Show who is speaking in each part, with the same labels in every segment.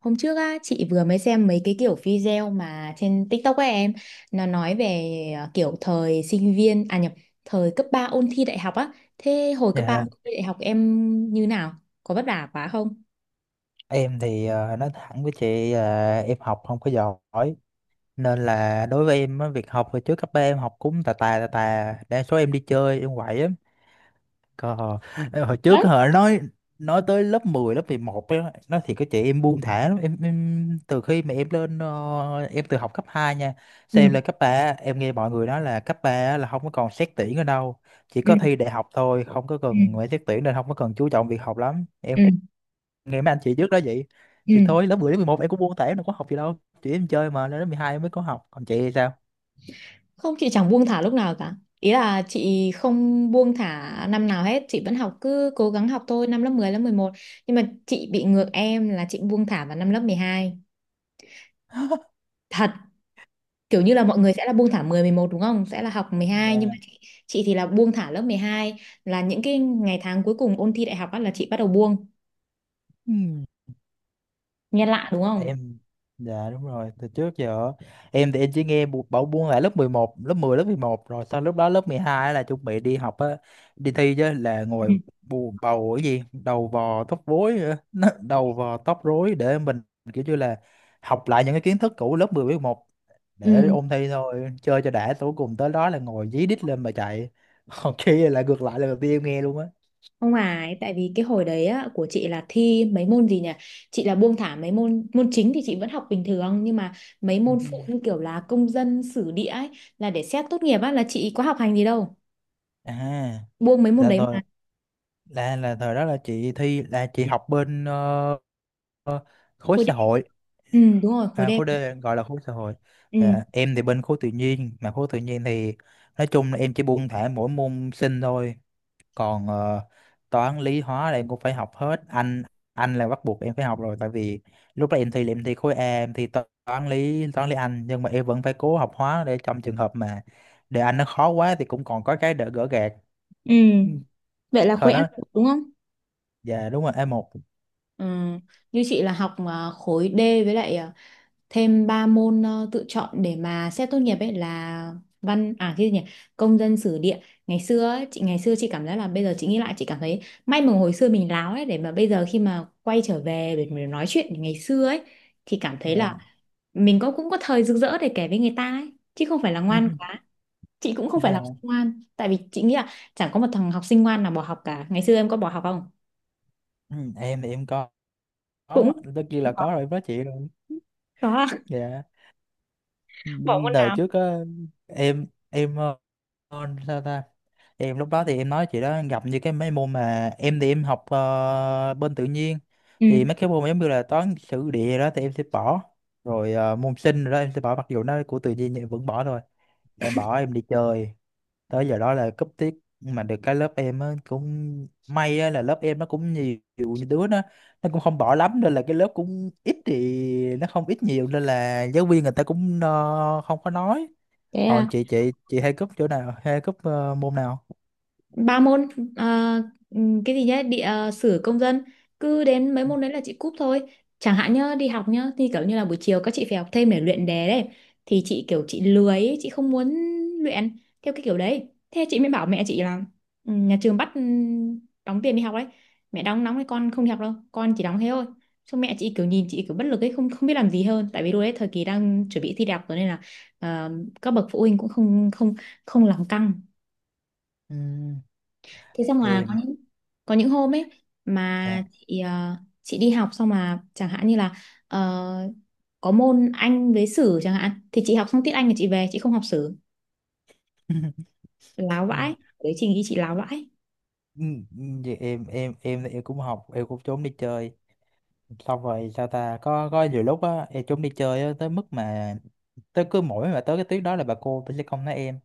Speaker 1: Hôm trước á, chị vừa mới xem mấy cái kiểu video mà trên TikTok của em nó nói về, kiểu thời sinh viên à nhập thời cấp 3 ôn thi đại học á. Thế hồi cấp 3
Speaker 2: Dạ,
Speaker 1: ôn thi đại học em như nào? Có vất vả quá không?
Speaker 2: em thì nói thẳng với chị là em học không có giỏi, nên là đối với em á, việc học hồi trước cấp ba em học cũng tà tà tà tà, đa số em đi chơi, em quậy lắm. Còn hồi hồi
Speaker 1: Đấy.
Speaker 2: trước họ nói tới lớp 10 lớp 11 á, nói thì có chị em buông thả lắm em từ khi mà em lên em từ học cấp 2 nha,
Speaker 1: Ừ,
Speaker 2: xem em lên cấp 3 em nghe mọi người nói là cấp 3 là không có còn xét tuyển ở đâu, chỉ
Speaker 1: ừ,
Speaker 2: có thi đại học thôi, không có
Speaker 1: ừ,
Speaker 2: cần phải xét tuyển, nên không có cần chú trọng việc học lắm.
Speaker 1: ừ,
Speaker 2: Ngày mấy anh chị trước đó vậy
Speaker 1: ừ.
Speaker 2: thì thôi, lớp 10 đến 11 em cũng buông tay, nó có học gì đâu chị, em chơi. Mà lên lớp 12 em mới có học. Còn chị thì sao?
Speaker 1: Không, chị chẳng buông thả lúc nào cả. Ý là chị không buông thả năm nào hết, chị vẫn học, cứ cố gắng học thôi, năm lớp 10 lớp 11. Nhưng mà chị bị ngược em, là chị buông thả vào năm lớp 12. Thật. Kiểu như là
Speaker 2: Ừ.
Speaker 1: mọi người sẽ là buông thả 10 11 đúng không? Sẽ là học 12, nhưng mà
Speaker 2: Dạ.
Speaker 1: chị thì là buông thả lớp 12, là những cái ngày tháng cuối cùng ôn thi đại học á là chị bắt đầu buông.
Speaker 2: Ừ.
Speaker 1: Nghe lạ đúng không?
Speaker 2: Em, dạ đúng rồi, từ trước giờ em thì em chỉ nghe bảo buông là lớp 11, lớp 10 lớp mười một, rồi sau lúc đó lớp 12 là chuẩn bị đi học á, đi thi, chứ là ngồi
Speaker 1: Ừ.
Speaker 2: bù bầu cái gì đầu vò tóc rối á, đầu vò tóc rối để mình kiểu như là học lại những cái kiến thức cũ lớp 10 với 11
Speaker 1: Ừ,
Speaker 2: để ôn thi thôi, chơi cho đã tối cùng tới đó là ngồi dí đít lên mà chạy. Còn kia là ngược lại, là đầu tiên em nghe luôn á.
Speaker 1: không phải. Tại vì cái hồi đấy á, của chị là thi mấy môn gì nhỉ? Chị là buông thả mấy môn, môn chính thì chị vẫn học bình thường, nhưng mà mấy môn phụ như kiểu là công dân sử địa ấy là để xét tốt nghiệp á là chị có học hành gì đâu.
Speaker 2: Ừ. À,
Speaker 1: Buông mấy môn
Speaker 2: là
Speaker 1: đấy mà.
Speaker 2: thời, là thời đó là chị thi, là chị học bên ờ, khối
Speaker 1: Khối D.
Speaker 2: xã hội.
Speaker 1: Ừ, đúng rồi, khối
Speaker 2: À,
Speaker 1: D.
Speaker 2: khối D, gọi là khối xã hội.
Speaker 1: Ừ.
Speaker 2: À, em thì bên khối tự nhiên, mà khối tự nhiên thì nói chung là em chỉ buông thả mỗi môn sinh thôi, còn toán lý hóa là em cũng phải học hết. Anh là bắt buộc em phải học rồi, tại vì lúc đó em thi là em thi khối A, em thi toán lý, toán lý anh, nhưng mà em vẫn phải cố học hóa để trong trường hợp mà đề anh nó khó quá thì cũng còn có cái đỡ gỡ gạc.
Speaker 1: Ừ.
Speaker 2: Ừ,
Speaker 1: Vậy là
Speaker 2: thời
Speaker 1: khối A
Speaker 2: đó
Speaker 1: đúng không?
Speaker 2: dạ đúng rồi, a một.
Speaker 1: Ừ. Như chị là học à, khối D, với lại à, thêm 3 môn, tự chọn để mà xét tốt nghiệp ấy, là văn à, cái gì nhỉ, công dân sử địa. Ngày xưa ấy, chị ngày xưa chị cảm giác là bây giờ chị nghĩ lại chị cảm thấy may mà hồi xưa mình láo ấy, để mà bây giờ khi mà quay trở về để mà nói chuyện ngày xưa ấy thì cảm thấy là
Speaker 2: Dạ.
Speaker 1: mình có, cũng có thời rực rỡ để kể với người ta ấy, chứ không phải là ngoan quá. Chị cũng không phải là học sinh
Speaker 2: Dạ.
Speaker 1: ngoan, tại vì chị nghĩ là chẳng có một thằng học sinh ngoan nào bỏ học cả. Ngày xưa em có bỏ học không?
Speaker 2: Ừ, em thì em có
Speaker 1: Cũng,
Speaker 2: có tất nhiên
Speaker 1: cũng
Speaker 2: là
Speaker 1: có,
Speaker 2: có rồi, em nói chị rồi.
Speaker 1: có.
Speaker 2: Dạ,
Speaker 1: Bỏ môn
Speaker 2: đời
Speaker 1: nào?
Speaker 2: trước á, em sao ta, em lúc đó thì em nói chị đó, gặp như cái mấy môn mà em thì em học bên tự nhiên,
Speaker 1: Ừ,
Speaker 2: thì mấy cái môn giống như là toán sử địa đó thì em sẽ bỏ, rồi môn sinh rồi đó em sẽ bỏ, mặc dù nó của tự nhiên nhưng em vẫn bỏ thôi. Em bỏ em đi chơi, tới giờ đó là cúp tiết. Mà được cái lớp em á cũng may á, là lớp em nó cũng nhiều, nhiều đứa nó cũng không bỏ lắm nên là cái lớp cũng ít thì, nó không ít nhiều nên là giáo viên người ta cũng không có nói.
Speaker 1: thế
Speaker 2: Còn
Speaker 1: à,
Speaker 2: chị, chị hay cúp chỗ nào, hay cúp môn nào?
Speaker 1: ba môn, à, ừ, cái gì nhá, địa, sử, công dân. Cứ đến mấy môn đấy là chị cúp thôi. Chẳng hạn nhá, đi học nhá thì kiểu như là buổi chiều các chị phải học thêm để luyện đề đấy. Thì chị kiểu chị lười ấy, chị không muốn luyện theo cái kiểu đấy. Thế chị mới bảo mẹ chị là ừ, nhà trường bắt ừ, đóng tiền đi học đấy. Mẹ đóng nóng thì con không đi học đâu, con chỉ đóng thế thôi. Xong mẹ chị kiểu nhìn chị kiểu bất lực ấy, không, không biết làm gì hơn. Tại vì lúc đấy thời kỳ đang chuẩn bị thi đại học rồi nên là, ờ, các bậc phụ huynh cũng không, không làm căng.
Speaker 2: Ừ,
Speaker 1: Thế xong là có
Speaker 2: em.
Speaker 1: những, hôm ấy
Speaker 2: Dạ.
Speaker 1: mà chị, chị đi học xong mà chẳng hạn như là, ờ, có môn Anh với sử chẳng hạn, thì chị học xong tiết Anh thì chị về chị không học sử. Láo
Speaker 2: Ừ,
Speaker 1: vãi. Đấy, chị nghĩ chị láo vãi.
Speaker 2: ừ, ừ, vậy em, em cũng học, em cũng trốn đi chơi xong rồi sao ta, có nhiều lúc á em trốn đi chơi á, tới mức mà tới cứ mỗi mà tới cái tuyến đó là bà cô bà sẽ không nói em,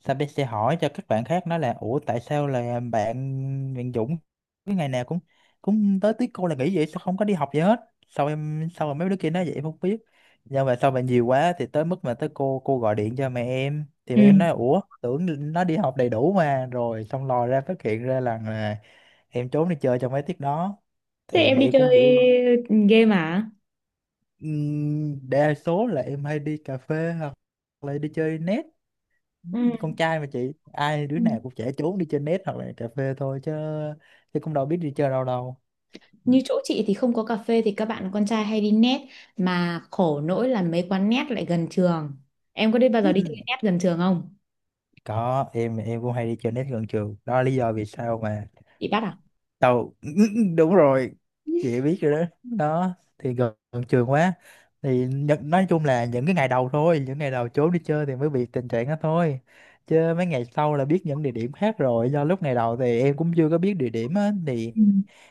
Speaker 2: sao bé sẽ hỏi cho các bạn khác nói là ủa tại sao là bạn, bạn Dũng cái ngày nào cũng, cũng tới tiết cô là nghỉ vậy, sao không có đi học gì hết. Sao em, sao mà mấy đứa kia nói vậy em không biết, nhưng mà sau mà nhiều quá thì tới mức mà tới cô gọi điện cho mẹ em thì
Speaker 1: Ừ.
Speaker 2: mẹ em nói ủa tưởng nó đi học đầy đủ mà, rồi xong lòi ra phát hiện ra là em trốn đi chơi trong mấy tiết đó,
Speaker 1: Thế
Speaker 2: thì
Speaker 1: em
Speaker 2: mẹ
Speaker 1: đi
Speaker 2: em cũng
Speaker 1: chơi
Speaker 2: kiểu.
Speaker 1: game à?
Speaker 2: Đa số là em hay đi cà phê hoặc là đi chơi net.
Speaker 1: Ừ.
Speaker 2: Con trai mà chị, ai đứa
Speaker 1: Ừ.
Speaker 2: nào cũng trẻ trốn đi chơi net hoặc là cà phê thôi, chứ chứ cũng đâu biết đi chơi đâu đâu.
Speaker 1: Như chỗ chị thì không có cà phê thì các bạn con trai hay đi net, mà khổ nỗi là mấy quán net lại gần trường. Em có đi bao giờ đi chơi net gần trường không?
Speaker 2: Có, em cũng hay đi chơi net gần trường, đó là lý do vì sao mà
Speaker 1: Bị bắt à?
Speaker 2: tao. Đúng rồi, chị biết rồi đó, đó thì gần, gần trường quá thì nhận, nói chung là những cái ngày đầu thôi, những ngày đầu trốn đi chơi thì mới bị tình trạng đó thôi, chứ mấy ngày sau là biết những địa điểm khác rồi, do lúc ngày đầu thì em cũng chưa có biết địa điểm á, thì
Speaker 1: Ừ.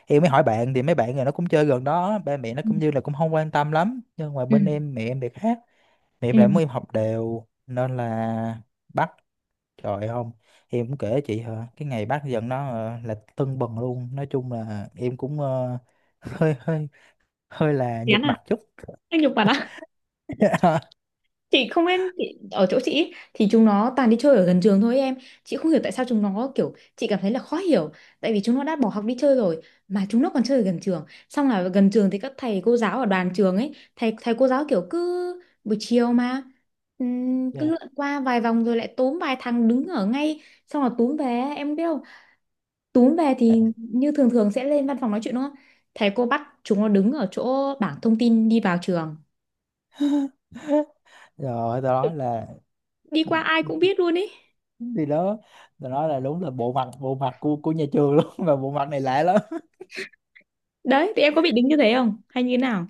Speaker 2: em mới hỏi bạn thì mấy bạn này nó cũng chơi gần đó, ba mẹ nó
Speaker 1: Ừ.
Speaker 2: cũng như là cũng không quan tâm lắm, nhưng mà
Speaker 1: Ừ.
Speaker 2: bên em mẹ em thì khác. Mẹ em
Speaker 1: Ừ.
Speaker 2: lại muốn em học đều nên là bắt, trời không em cũng kể chị hả, cái ngày bắt dần nó là tưng bừng luôn, nói chung là em cũng hơi hơi hơi là
Speaker 1: Chán
Speaker 2: nhục
Speaker 1: à?
Speaker 2: mặt chút.
Speaker 1: Anh nhục bạn à? Chị không biết, chị ở chỗ chị ý, thì chúng nó toàn đi chơi ở gần trường thôi em. Chị không hiểu tại sao chúng nó, kiểu chị cảm thấy là khó hiểu, tại vì chúng nó đã bỏ học đi chơi rồi mà chúng nó còn chơi ở gần trường. Xong là gần trường thì các thầy cô giáo ở đoàn trường ấy, thầy thầy cô giáo kiểu cứ buổi chiều mà, cứ
Speaker 2: Dạ.
Speaker 1: lượn qua vài vòng rồi lại túm vài thằng đứng ở ngay, xong là túm về. Em biết không, túm về thì như thường thường sẽ lên văn phòng nói chuyện đúng không, thầy cô bắt chúng nó đứng ở chỗ bảng thông tin đi vào trường,
Speaker 2: Rồi từ nói là,
Speaker 1: đi qua ai cũng biết luôn ý.
Speaker 2: thì đó, từ nói là đúng là bộ mặt, bộ mặt của nhà trường luôn. Mà bộ mặt này lạ lắm.
Speaker 1: Đấy, thì em có bị đính như thế không? Hay như thế nào?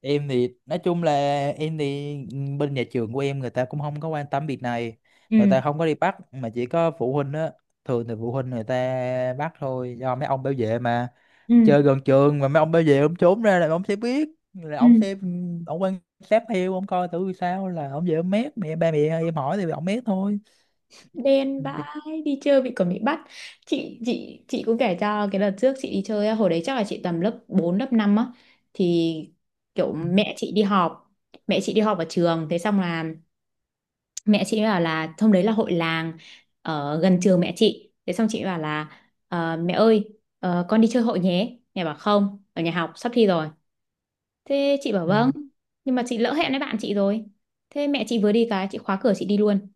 Speaker 2: Em thì nói chung là em thì ừ, bên nhà trường của em người ta cũng không có quan tâm việc này, người
Speaker 1: Ừ.
Speaker 2: ta không có đi bắt mà chỉ có phụ huynh á. Thường thì phụ huynh người ta bắt thôi, do mấy ông bảo vệ mà, chơi
Speaker 1: Ừ.
Speaker 2: gần trường mà mấy ông bảo vệ ông trốn ra là ông sẽ biết, là ông
Speaker 1: Ừ.
Speaker 2: sẽ ông quan sát theo, ông coi thử sao là ông về ông mét mẹ, ba mẹ em hỏi thì ông mét thôi.
Speaker 1: Đen
Speaker 2: Ừ.
Speaker 1: vãi, đi chơi bị, còn bị bắt. Chị cũng kể cho, cái đợt trước chị đi chơi á, hồi đấy chắc là chị tầm lớp 4 lớp 5 á, thì kiểu mẹ chị đi họp, ở trường. Thế xong là mẹ chị bảo là hôm đấy là hội làng ở gần trường mẹ chị. Thế xong chị bảo là: Mẹ ơi, con đi chơi hội nhé." Mẹ bảo: "Không, ở nhà học sắp thi rồi." Thế chị bảo:
Speaker 2: Ừ.
Speaker 1: "Vâng, nhưng mà chị lỡ hẹn với bạn chị rồi." Thế mẹ chị vừa đi cái chị khóa cửa chị đi luôn.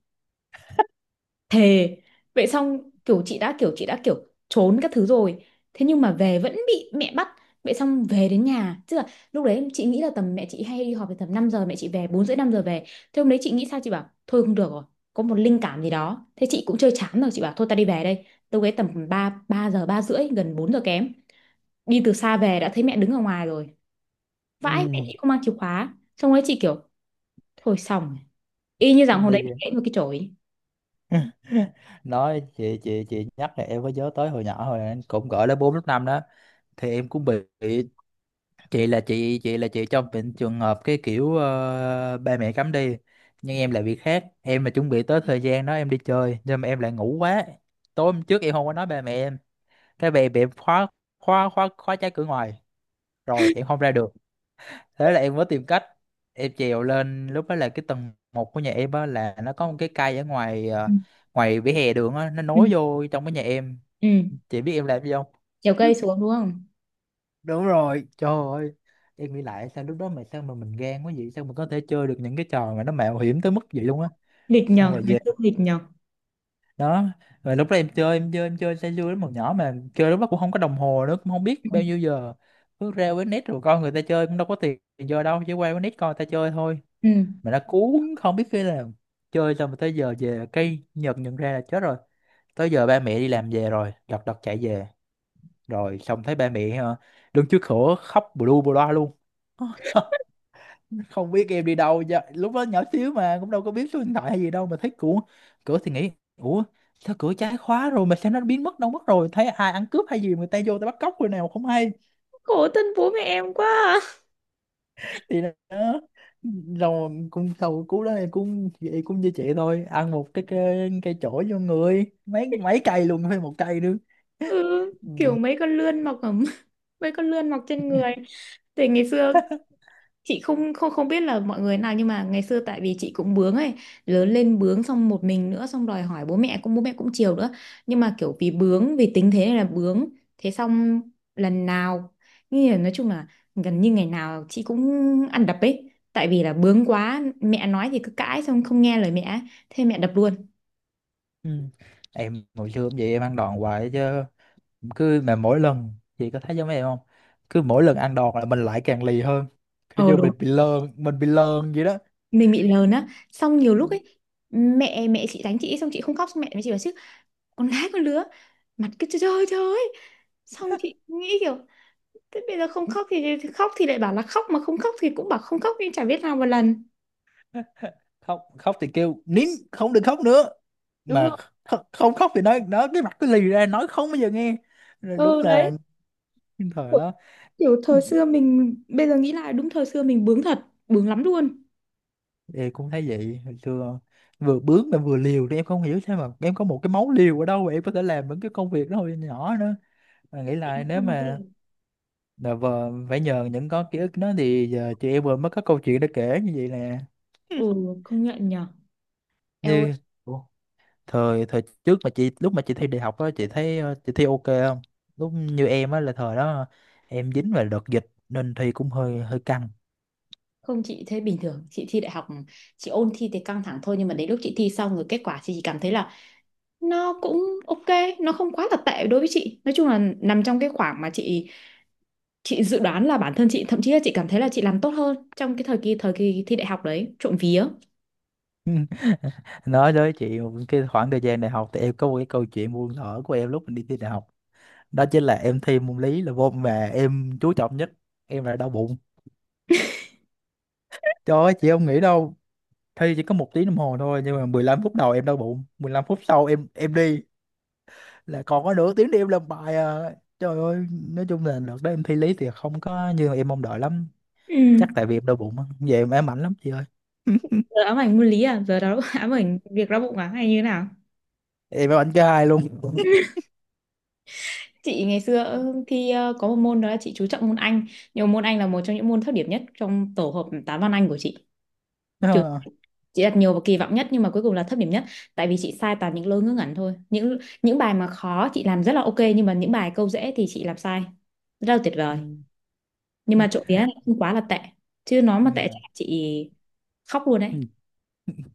Speaker 1: Thề. Vậy xong kiểu chị đã kiểu trốn các thứ rồi. Thế nhưng mà về vẫn bị mẹ bắt. Vậy xong về đến nhà, tức là lúc đấy chị nghĩ là tầm mẹ chị hay đi họp về tầm 5 giờ, mẹ chị về 4 rưỡi 5 giờ về. Thế hôm đấy chị nghĩ sao chị bảo thôi không được rồi, có một linh cảm gì đó. Thế chị cũng chơi chán rồi chị bảo thôi ta đi về đây. Lúc đấy tầm 3 3 giờ 3 rưỡi gần 4 giờ kém. Đi từ xa về đã thấy mẹ đứng ở ngoài rồi. Vãi, mẹ
Speaker 2: Ừ.
Speaker 1: chị không mang chìa khóa. Xong đấy chị kiểu thôi xong rồi. Y như rằng
Speaker 2: Đi
Speaker 1: hôm đấy bị
Speaker 2: về.
Speaker 1: gãy một cái chổi.
Speaker 2: Nói chị, chị nhắc là em có nhớ tới hồi nhỏ hồi em cũng gọi lớp 4 lớp 5 đó, thì em cũng bị. Chị là chị là chị trong bệnh trường hợp cái kiểu ba mẹ cấm đi, nhưng em là việc khác, em là chuẩn bị tới thời gian đó em đi chơi nhưng mà em lại ngủ quá. Tối hôm trước em không có nói ba mẹ em, cái về bị em khóa, khóa trái cửa ngoài, rồi em không ra được. Thế là em mới tìm cách, em trèo lên. Lúc đó là cái tầng một của nhà em á là nó có một cái cây ở ngoài
Speaker 1: Ừ.
Speaker 2: ngoài vỉa hè đường á, nó
Speaker 1: Ừ.
Speaker 2: nối vô trong cái nhà em.
Speaker 1: Ừ.
Speaker 2: Chị biết em làm gì không?
Speaker 1: Trèo cây xuống đúng không?
Speaker 2: Đúng rồi, trời ơi, em nghĩ lại sao lúc đó mà sao mà mình gan quá vậy, sao mà có thể chơi được những cái trò mà nó mạo hiểm tới mức vậy luôn á.
Speaker 1: Nghịch
Speaker 2: Xong
Speaker 1: nhờ,
Speaker 2: rồi
Speaker 1: ngày
Speaker 2: về
Speaker 1: xưa nghịch nhờ.
Speaker 2: đó, rồi lúc đó em chơi, em chơi say sưa lắm, hồi nhỏ mà chơi lúc đó cũng không có đồng hồ nữa, cũng không biết
Speaker 1: Ừ.
Speaker 2: bao nhiêu giờ. Cứ ra với net rồi coi người ta chơi, cũng đâu có tiền giờ đâu, chỉ qua với net coi người ta chơi thôi.
Speaker 1: Ừ.
Speaker 2: Mà nó cuốn, không biết khi nào. Chơi xong rồi tới giờ về cây Nhật nhận ra là chết rồi, tới giờ ba mẹ đi làm về rồi, lật đật chạy về, rồi xong thấy ba mẹ đứng trước cửa khóc bù lu bù loa luôn. Không biết em đi đâu giờ, lúc đó nhỏ xíu mà cũng đâu có biết số điện thoại hay gì đâu, mà thấy cửa, cửa thì nghĩ ủa sao cửa trái khóa rồi mà sao nó biến mất đâu mất rồi, thấy ai ăn cướp hay gì người ta vô ta bắt cóc rồi nào không hay.
Speaker 1: Khổ thân bố mẹ em quá à.
Speaker 2: Thì đó, rồi cũng sau cú đó em cũng vậy, cũng như chị thôi, ăn một cái cây, cây chổi vô người, mấy mấy cây luôn, phải một cây nữa.
Speaker 1: Ừ. Kiểu
Speaker 2: Ừ.
Speaker 1: mấy con lươn mọc ở mấy con lươn mọc trên người. Thì ngày xưa chị không, không biết là mọi người nào, nhưng mà ngày xưa tại vì chị cũng bướng ấy, lớn lên bướng, xong một mình nữa, xong đòi hỏi bố mẹ cũng, chiều nữa, nhưng mà kiểu vì bướng, vì tính thế này là bướng. Thế xong lần nào, như là nói chung là, gần như ngày nào chị cũng ăn đập ấy, tại vì là bướng quá, mẹ nói thì cứ cãi xong không nghe lời mẹ ấy. Thế mẹ đập luôn.
Speaker 2: Ừ. Em hồi xưa cũng vậy, em ăn đòn hoài chứ. Cứ mà mỗi lần, chị có thấy giống em không, cứ mỗi lần ăn đòn là mình lại càng lì hơn, kiểu
Speaker 1: Ờ
Speaker 2: như
Speaker 1: đúng.
Speaker 2: mình bị lơn, mình bị lơn vậy đó.
Speaker 1: Mình bị lờn á, xong
Speaker 2: Ừ.
Speaker 1: nhiều lúc ấy mẹ mẹ chị đánh chị xong chị không khóc, xong mẹ mới chị bảo chứ: "Con gái con lứa, mặt cứ trời trời trời." Xong chị nghĩ kiểu thế bây giờ không khóc thì, khóc thì lại bảo là khóc, mà không khóc thì cũng bảo không khóc, nhưng chả biết nào một lần.
Speaker 2: Khóc, khóc thì kêu nín, không được khóc nữa,
Speaker 1: Đúng
Speaker 2: mà
Speaker 1: rồi.
Speaker 2: không khóc thì nói nó cái mặt cứ lì ra, nói không bao giờ nghe. Rồi đúng
Speaker 1: Ừ
Speaker 2: là
Speaker 1: đấy.
Speaker 2: cái thời
Speaker 1: Ủa,
Speaker 2: đó.
Speaker 1: kiểu thời xưa mình bây giờ nghĩ lại đúng thời xưa mình bướng thật, bướng lắm luôn.
Speaker 2: Em cũng thấy vậy, hồi xưa vừa bướng mà vừa liều, thì em không hiểu sao mà em có một cái máu liều ở đâu mà em có thể làm những cái công việc đó hồi nhỏ nữa. Mà nghĩ
Speaker 1: Chị
Speaker 2: lại nếu
Speaker 1: không có
Speaker 2: mà,
Speaker 1: gì.
Speaker 2: dạ vâng, phải nhờ những có ký ức đó thì giờ chị em vừa mới có câu chuyện để kể như vậy nè.
Speaker 1: Ừ, không nhận nhở. Eo ơi.
Speaker 2: Như, ủa, thời thời trước mà chị lúc mà chị thi đại học á, chị thấy chị thi ok không? Lúc như em á là thời đó em dính vào đợt dịch nên thi cũng hơi hơi căng.
Speaker 1: Không, chị thấy bình thường chị thi đại học. Chị ôn thi thì căng thẳng thôi, nhưng mà đến lúc chị thi xong rồi kết quả chị chỉ cảm thấy là nó cũng ok, nó không quá là tệ đối với chị, nói chung là nằm trong cái khoảng mà chị dự đoán là bản thân chị, thậm chí là chị cảm thấy là chị làm tốt hơn trong cái thời kỳ thi đại học đấy, trộm vía.
Speaker 2: Nói với chị một cái khoảng thời gian đại học, thì em có một cái câu chuyện buồn thở của em lúc mình đi thi đại học. Đó chính là em thi môn lý là môn mà em chú trọng nhất, em là đau bụng. Trời ơi, chị không nghĩ đâu. Thi chỉ có một tiếng đồng hồ thôi, nhưng mà 15 phút đầu em đau bụng, 15 phút sau em đi, là còn có nửa tiếng để em làm bài à. Trời ơi, nói chung là đợt đó em thi lý thì không có như em mong đợi lắm,
Speaker 1: Ừ.
Speaker 2: chắc tại vì em đau bụng á, về em ám ảnh lắm chị ơi.
Speaker 1: Giờ ám ảnh môn lý à? Giờ đó ám ảnh việc đau bụng à hay như thế nào?
Speaker 2: Em ám ảnh cho hai luôn.
Speaker 1: Chị ngày xưa, thi, có một môn đó là chị chú trọng môn Anh, nhưng mà môn Anh là một trong những môn thấp điểm nhất trong tổ hợp toán văn Anh của chị. Kiểu
Speaker 2: Ờ.
Speaker 1: chị đặt nhiều và kỳ vọng nhất nhưng mà cuối cùng là thấp điểm nhất, tại vì chị sai toàn những lỗi ngớ ngẩn thôi. Những, bài mà khó chị làm rất là ok, nhưng mà những bài câu dễ thì chị làm sai rất là tuyệt
Speaker 2: Ừ.
Speaker 1: vời. Nhưng
Speaker 2: Ừ.
Speaker 1: mà trộm vía là không quá là tệ, chứ nó mà tệ chắc
Speaker 2: Dạ.
Speaker 1: là chị khóc luôn
Speaker 2: Ừ.
Speaker 1: đấy.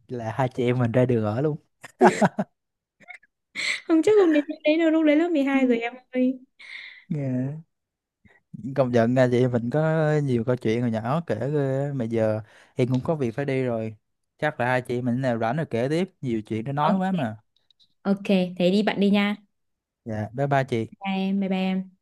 Speaker 2: Là hai chị em mình ra đường ở luôn.
Speaker 1: Không chắc không đến lúc đấy đâu, lúc đấy lớp mười
Speaker 2: Ừ.
Speaker 1: hai rồi em ơi.
Speaker 2: Dạ. Công nhận nha, chị em mình có nhiều câu chuyện hồi nhỏ kể ghê á. Mà giờ em cũng có việc phải đi rồi, chắc là hai chị em mình nào rảnh rồi kể tiếp, nhiều chuyện để nói quá
Speaker 1: Ok.
Speaker 2: mà.
Speaker 1: Ok. Thế đi bạn đi nha.
Speaker 2: Dạ, bye bye chị.
Speaker 1: Bye em. Bye bye em.